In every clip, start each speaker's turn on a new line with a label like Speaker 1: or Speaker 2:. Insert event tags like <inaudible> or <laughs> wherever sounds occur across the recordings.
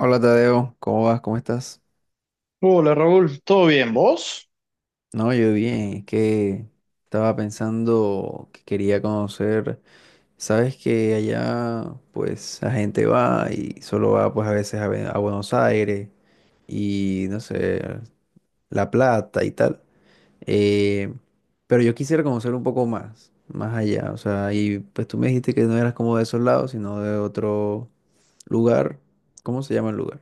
Speaker 1: Hola Tadeo, ¿cómo vas? ¿Cómo estás?
Speaker 2: Hola Raúl, ¿todo bien? ¿Vos?
Speaker 1: No, yo bien, es que estaba pensando que quería conocer, sabes que allá pues la gente va y solo va pues a veces a, a Buenos Aires y no sé, La Plata y tal, eh, pero yo quisiera conocer un poco más, más allá, o sea, y pues tú me dijiste que no eras como de esos lados, sino de otro lugar. ¿Cómo se llama el lugar?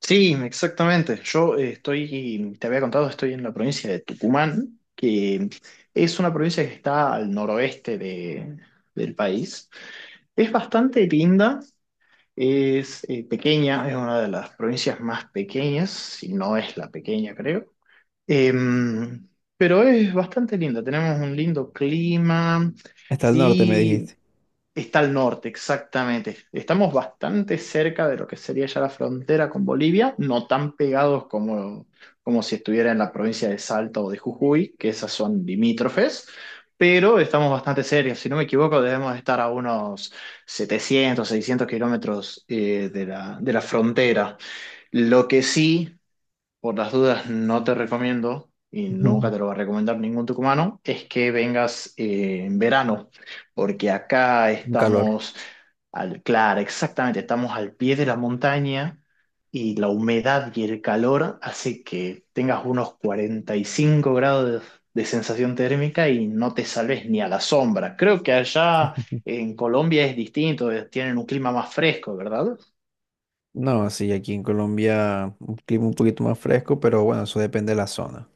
Speaker 2: Sí, exactamente. Yo estoy, te había contado, estoy en la provincia de Tucumán, que es una provincia que está al noroeste del país. Es bastante linda, es pequeña, es una de las provincias más pequeñas, si no es la pequeña, creo. Em, pero es bastante linda, tenemos un lindo clima.
Speaker 1: Está al norte, me
Speaker 2: Sí,
Speaker 1: dijiste.
Speaker 2: está al norte, exactamente. Estamos bastante cerca de lo que sería ya la frontera con Bolivia, no tan pegados como si estuviera en la provincia de Salta o de Jujuy, que esas son limítrofes, pero estamos bastante cerca. Si no me equivoco, debemos estar a unos 700, 600 kilómetros de la frontera. Lo que sí por las dudas no te recomiendo, y nunca te lo va a
Speaker 1: <laughs>
Speaker 2: recomendar ningún tucumano, es que vengas en verano, porque acá
Speaker 1: Un calor.
Speaker 2: estamos, claro, exactamente, estamos al pie de la montaña y la humedad y el calor hace que tengas unos 45 grados de sensación térmica y no te salves ni a la sombra. Creo que allá
Speaker 1: <laughs>
Speaker 2: en Colombia es distinto, tienen un clima más fresco, ¿verdad?
Speaker 1: No, sí, aquí en Colombia un clima un poquito más fresco, pero bueno, eso depende de la zona.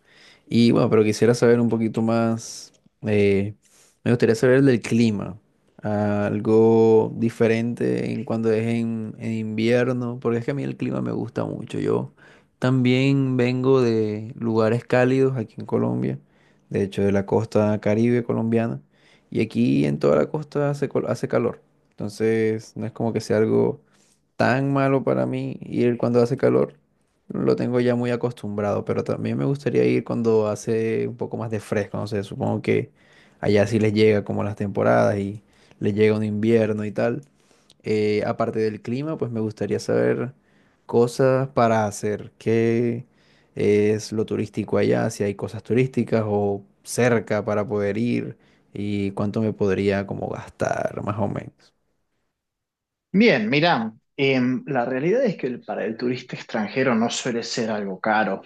Speaker 1: Y bueno, pero quisiera saber un poquito más, eh, me gustaría saber del clima, algo diferente en cuando es en invierno, porque es que a mí el clima me gusta mucho. Yo también vengo de lugares cálidos aquí en Colombia, de hecho de la costa Caribe colombiana, y aquí en toda la costa hace, hace calor, entonces no es como que sea algo tan malo para mí ir cuando hace calor. Lo tengo ya muy acostumbrado, pero también me gustaría ir cuando hace un poco más de fresco, no sé, supongo que allá sí les llega como las temporadas y les llega un invierno y tal. Aparte del clima, pues me gustaría saber cosas para hacer, qué es lo turístico allá, si hay cosas turísticas o cerca para poder ir y cuánto me podría como gastar, más o menos.
Speaker 2: Bien, mirá, la realidad es que para el turista extranjero no suele ser algo caro,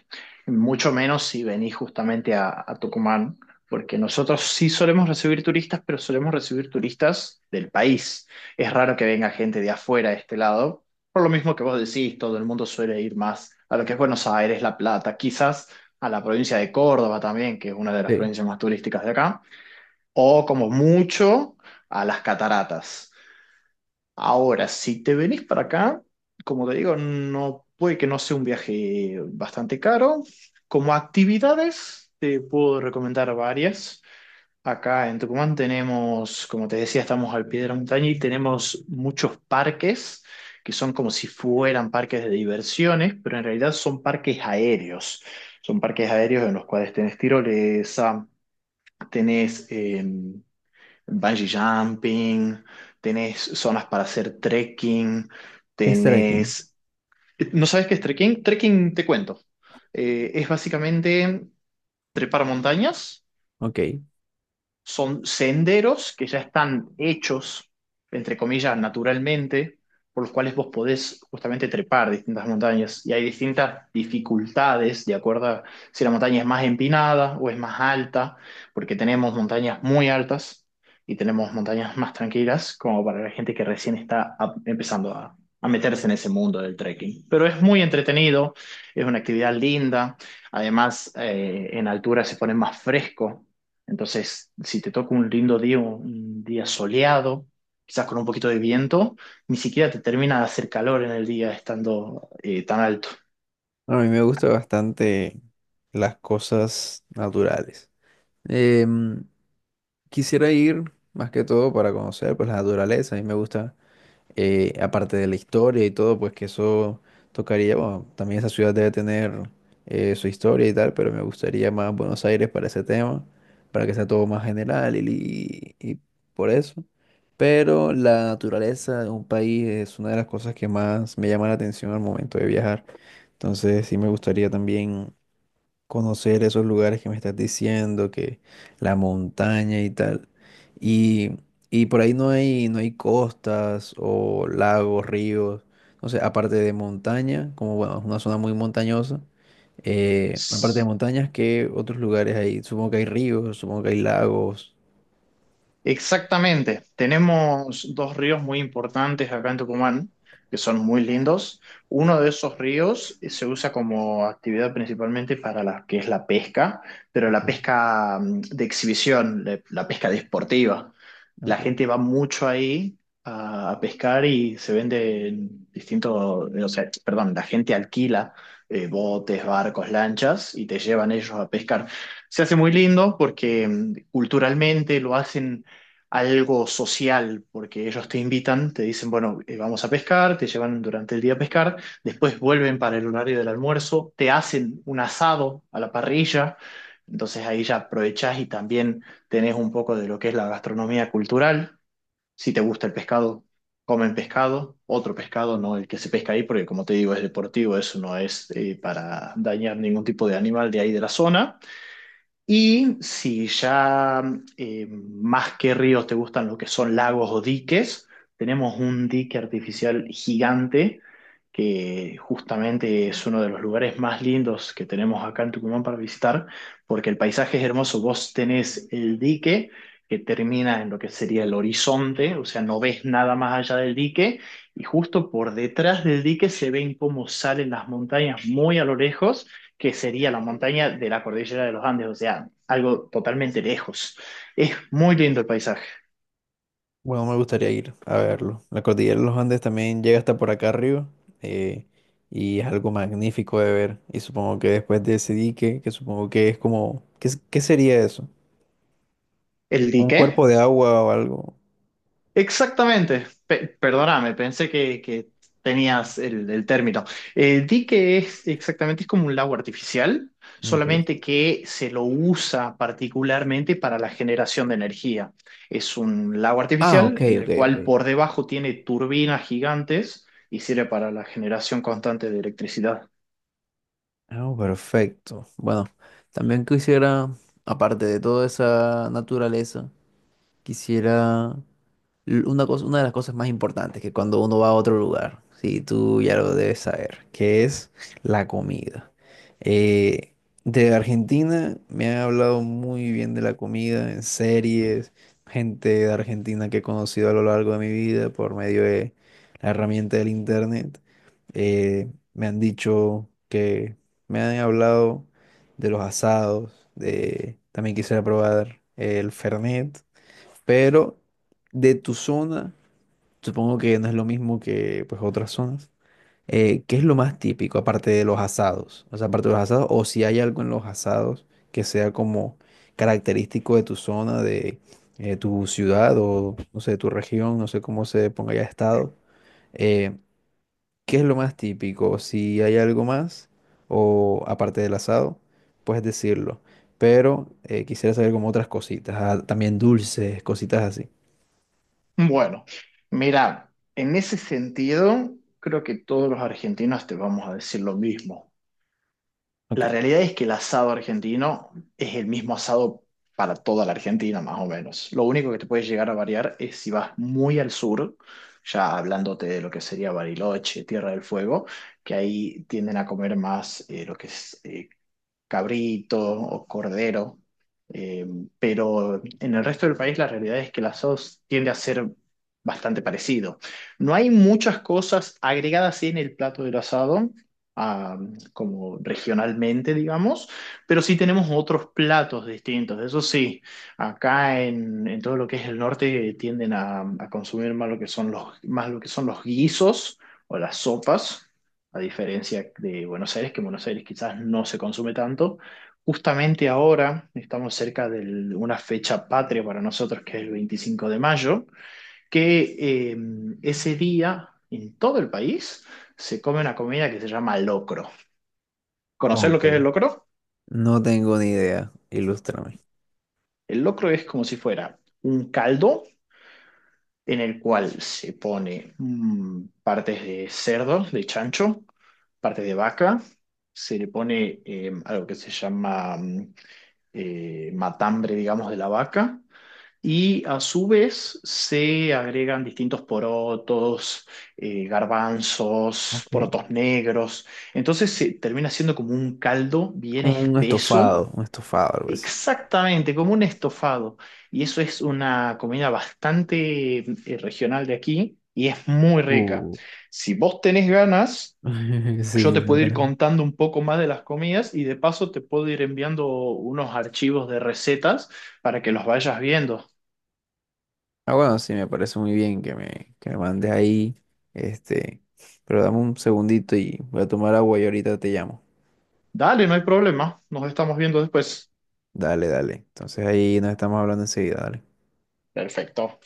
Speaker 2: mucho menos si venís justamente a Tucumán, porque nosotros sí solemos recibir turistas, pero solemos recibir turistas del país. Es raro que venga gente de afuera de este lado, por lo mismo que vos decís, todo el mundo suele ir más a lo que es Buenos Aires, La Plata, quizás a la provincia de Córdoba también, que es una de las
Speaker 1: Sí,
Speaker 2: provincias más turísticas de acá, o como mucho a las cataratas. Ahora, si te venís para acá, como te digo, no puede que no sea un viaje bastante caro. Como actividades, te puedo recomendar varias. Acá en Tucumán tenemos, como te decía, estamos al pie de la montaña y tenemos muchos parques que son como si fueran parques de diversiones, pero en realidad son parques aéreos. Son parques aéreos en los cuales tenés tirolesa, tenés, bungee jumping, tenés zonas para hacer trekking,
Speaker 1: es trekking.
Speaker 2: tenés... ¿No sabes qué es trekking? Trekking, te cuento. Es básicamente trepar montañas.
Speaker 1: Ok.
Speaker 2: Son senderos que ya están hechos, entre comillas, naturalmente, por los cuales vos podés justamente trepar distintas montañas. Y hay distintas dificultades de acuerdo a si la montaña es más empinada o es más alta, porque tenemos montañas muy altas y tenemos montañas más tranquilas, como para la gente que recién está empezando a meterse en ese mundo del trekking. Pero es muy entretenido, es una actividad linda, además en altura se pone más fresco, entonces, si te toca un lindo día, un día soleado, quizás con un poquito de viento, ni siquiera te termina de hacer calor en el día estando tan alto.
Speaker 1: No, a mí me gustan bastante las cosas naturales. Em, Quisiera ir más que todo para conocer pues la naturaleza. A mí me gusta aparte de la historia y todo, pues que eso tocaría, bueno, también esa ciudad debe tener su historia y tal, pero me gustaría más Buenos Aires para ese tema, para que sea todo más general y por eso. Pero la naturaleza de un país es una de las cosas que más me llama la atención al momento de viajar. Entonces sí me gustaría también conocer esos lugares que me estás diciendo, que la montaña y tal. Y, y por ahí no hay, no hay costas o lagos, ríos. No sé, aparte de montaña, como bueno, es una zona muy montañosa. Aparte de montañas, ¿qué otros lugares hay? Supongo que hay ríos, supongo que hay lagos.
Speaker 2: Exactamente. Tenemos dos ríos muy importantes acá en Tucumán, que son muy lindos. Uno de esos ríos se usa como actividad principalmente para la que es la pesca, pero
Speaker 1: Ok.
Speaker 2: la pesca de exhibición, la pesca deportiva. La
Speaker 1: Ok.
Speaker 2: gente va mucho ahí a pescar y se venden distintos, o sea, perdón, la gente alquila botes, barcos, lanchas y te llevan ellos a pescar. Se hace muy lindo porque culturalmente lo hacen algo social, porque ellos te invitan, te dicen, bueno, vamos a pescar, te llevan durante el día a pescar, después vuelven para el horario del almuerzo, te hacen un asado a la parrilla, entonces ahí ya aprovechás y también tenés un poco de lo que es la gastronomía cultural, si te gusta el pescado. Comen pescado, otro pescado, no el que se pesca ahí, porque como te digo, es deportivo, eso no es para dañar ningún tipo de animal de ahí de la zona. Y si ya más que ríos te gustan lo que son lagos o diques, tenemos un dique artificial gigante que justamente es uno de los lugares más lindos que tenemos acá en Tucumán para visitar, porque el paisaje es hermoso. Vos tenés el dique que termina en lo que sería el horizonte, o sea, no ves nada más allá del dique, y justo por detrás del dique se ven cómo salen las montañas muy a lo lejos que sería la montaña de la cordillera de los Andes, o sea, algo totalmente lejos. Es muy lindo el paisaje.
Speaker 1: Bueno, me gustaría ir a verlo. La cordillera de los Andes también llega hasta por acá arriba eh, y es algo magnífico de ver. Y supongo que después de ese dique, que supongo que es como, ¿qué sería eso?
Speaker 2: ¿El
Speaker 1: ¿Un
Speaker 2: dique?
Speaker 1: cuerpo de agua o algo?
Speaker 2: Exactamente. Perdóname, pensé que tenías el término. El dique es exactamente, es como un lago artificial,
Speaker 1: Ok.
Speaker 2: solamente que se lo usa particularmente para la generación de energía. Es un lago
Speaker 1: Ah, ok,
Speaker 2: artificial en
Speaker 1: ok,
Speaker 2: el
Speaker 1: ok.
Speaker 2: cual por debajo tiene turbinas gigantes y sirve para la generación constante de electricidad.
Speaker 1: Ah, perfecto. Bueno, también quisiera, aparte de toda esa naturaleza, quisiera una cosa, una de las cosas más importantes que cuando uno va a otro lugar, sí, tú ya lo debes saber, que es la comida. Eh, de Argentina me han hablado muy bien de la comida en series, gente de Argentina que he conocido a lo largo de mi vida por medio de la herramienta del internet. Me han dicho que me han hablado de los asados, de también quisiera probar el Fernet. Pero de tu zona, supongo que no es lo mismo que pues otras zonas. ¿Qué es lo más típico aparte de los asados? O sea, aparte de los asados, o si hay algo en los asados que sea como característico de tu zona, de tu ciudad o no sé, tu región, no sé cómo se ponga ya estado. eh, ¿Qué es lo más típico? Si hay algo más o aparte del asado, puedes decirlo. Pero quisiera saber como otras cositas, ah, también dulces, cositas así.
Speaker 2: Bueno, mira, en ese sentido, creo que todos los argentinos te vamos a decir lo mismo.
Speaker 1: Ok.
Speaker 2: La realidad es que el asado argentino es el mismo asado para toda la Argentina, más o menos. Lo único que te puede llegar a variar es si vas muy al sur, ya hablándote de lo que sería Bariloche, Tierra del Fuego, que ahí tienden a comer más lo que es cabrito o cordero, eh, pero en el resto del país la realidad es que la sos tiende a ser bastante parecido. No hay muchas cosas agregadas sí, en el plato del asado, ah, como regionalmente, digamos, pero sí tenemos otros platos distintos. Eso sí, acá en todo lo que es el norte tienden a consumir más lo que son los guisos o las sopas a diferencia de Buenos Aires, que en Buenos Aires quizás no se consume tanto. Justamente ahora estamos cerca de una fecha patria para nosotros, que es el 25 de mayo, que ese día en todo el país se come una comida que se llama locro. ¿Conocés lo que es el
Speaker 1: Ok,
Speaker 2: locro?
Speaker 1: no tengo ni idea. Ilústrame.
Speaker 2: El locro es como si fuera un caldo en el cual se pone partes de cerdo, de chancho, partes de vaca, se le pone algo que se llama matambre, digamos, de la vaca. Y a su vez se agregan distintos porotos, garbanzos,
Speaker 1: Ok.
Speaker 2: porotos negros. Entonces se termina siendo como un caldo bien
Speaker 1: Como
Speaker 2: espeso,
Speaker 1: un estofado, algo así. <laughs>
Speaker 2: exactamente como un estofado. Y eso es una comida bastante regional de aquí y es muy rica.
Speaker 1: Uh,
Speaker 2: Si vos tenés ganas,
Speaker 1: sí,
Speaker 2: yo te
Speaker 1: la
Speaker 2: puedo ir
Speaker 1: verdad.
Speaker 2: contando un poco más de las comidas y de paso te puedo ir enviando unos archivos de recetas para que los vayas viendo.
Speaker 1: Ah, bueno, sí, me parece muy bien que que me mandes ahí. Este, pero dame un segundito y voy a tomar agua y ahorita te llamo.
Speaker 2: Dale, no hay problema. Nos estamos viendo después.
Speaker 1: Dale, dale. Entonces ahí nos estamos hablando enseguida, dale.
Speaker 2: Perfecto.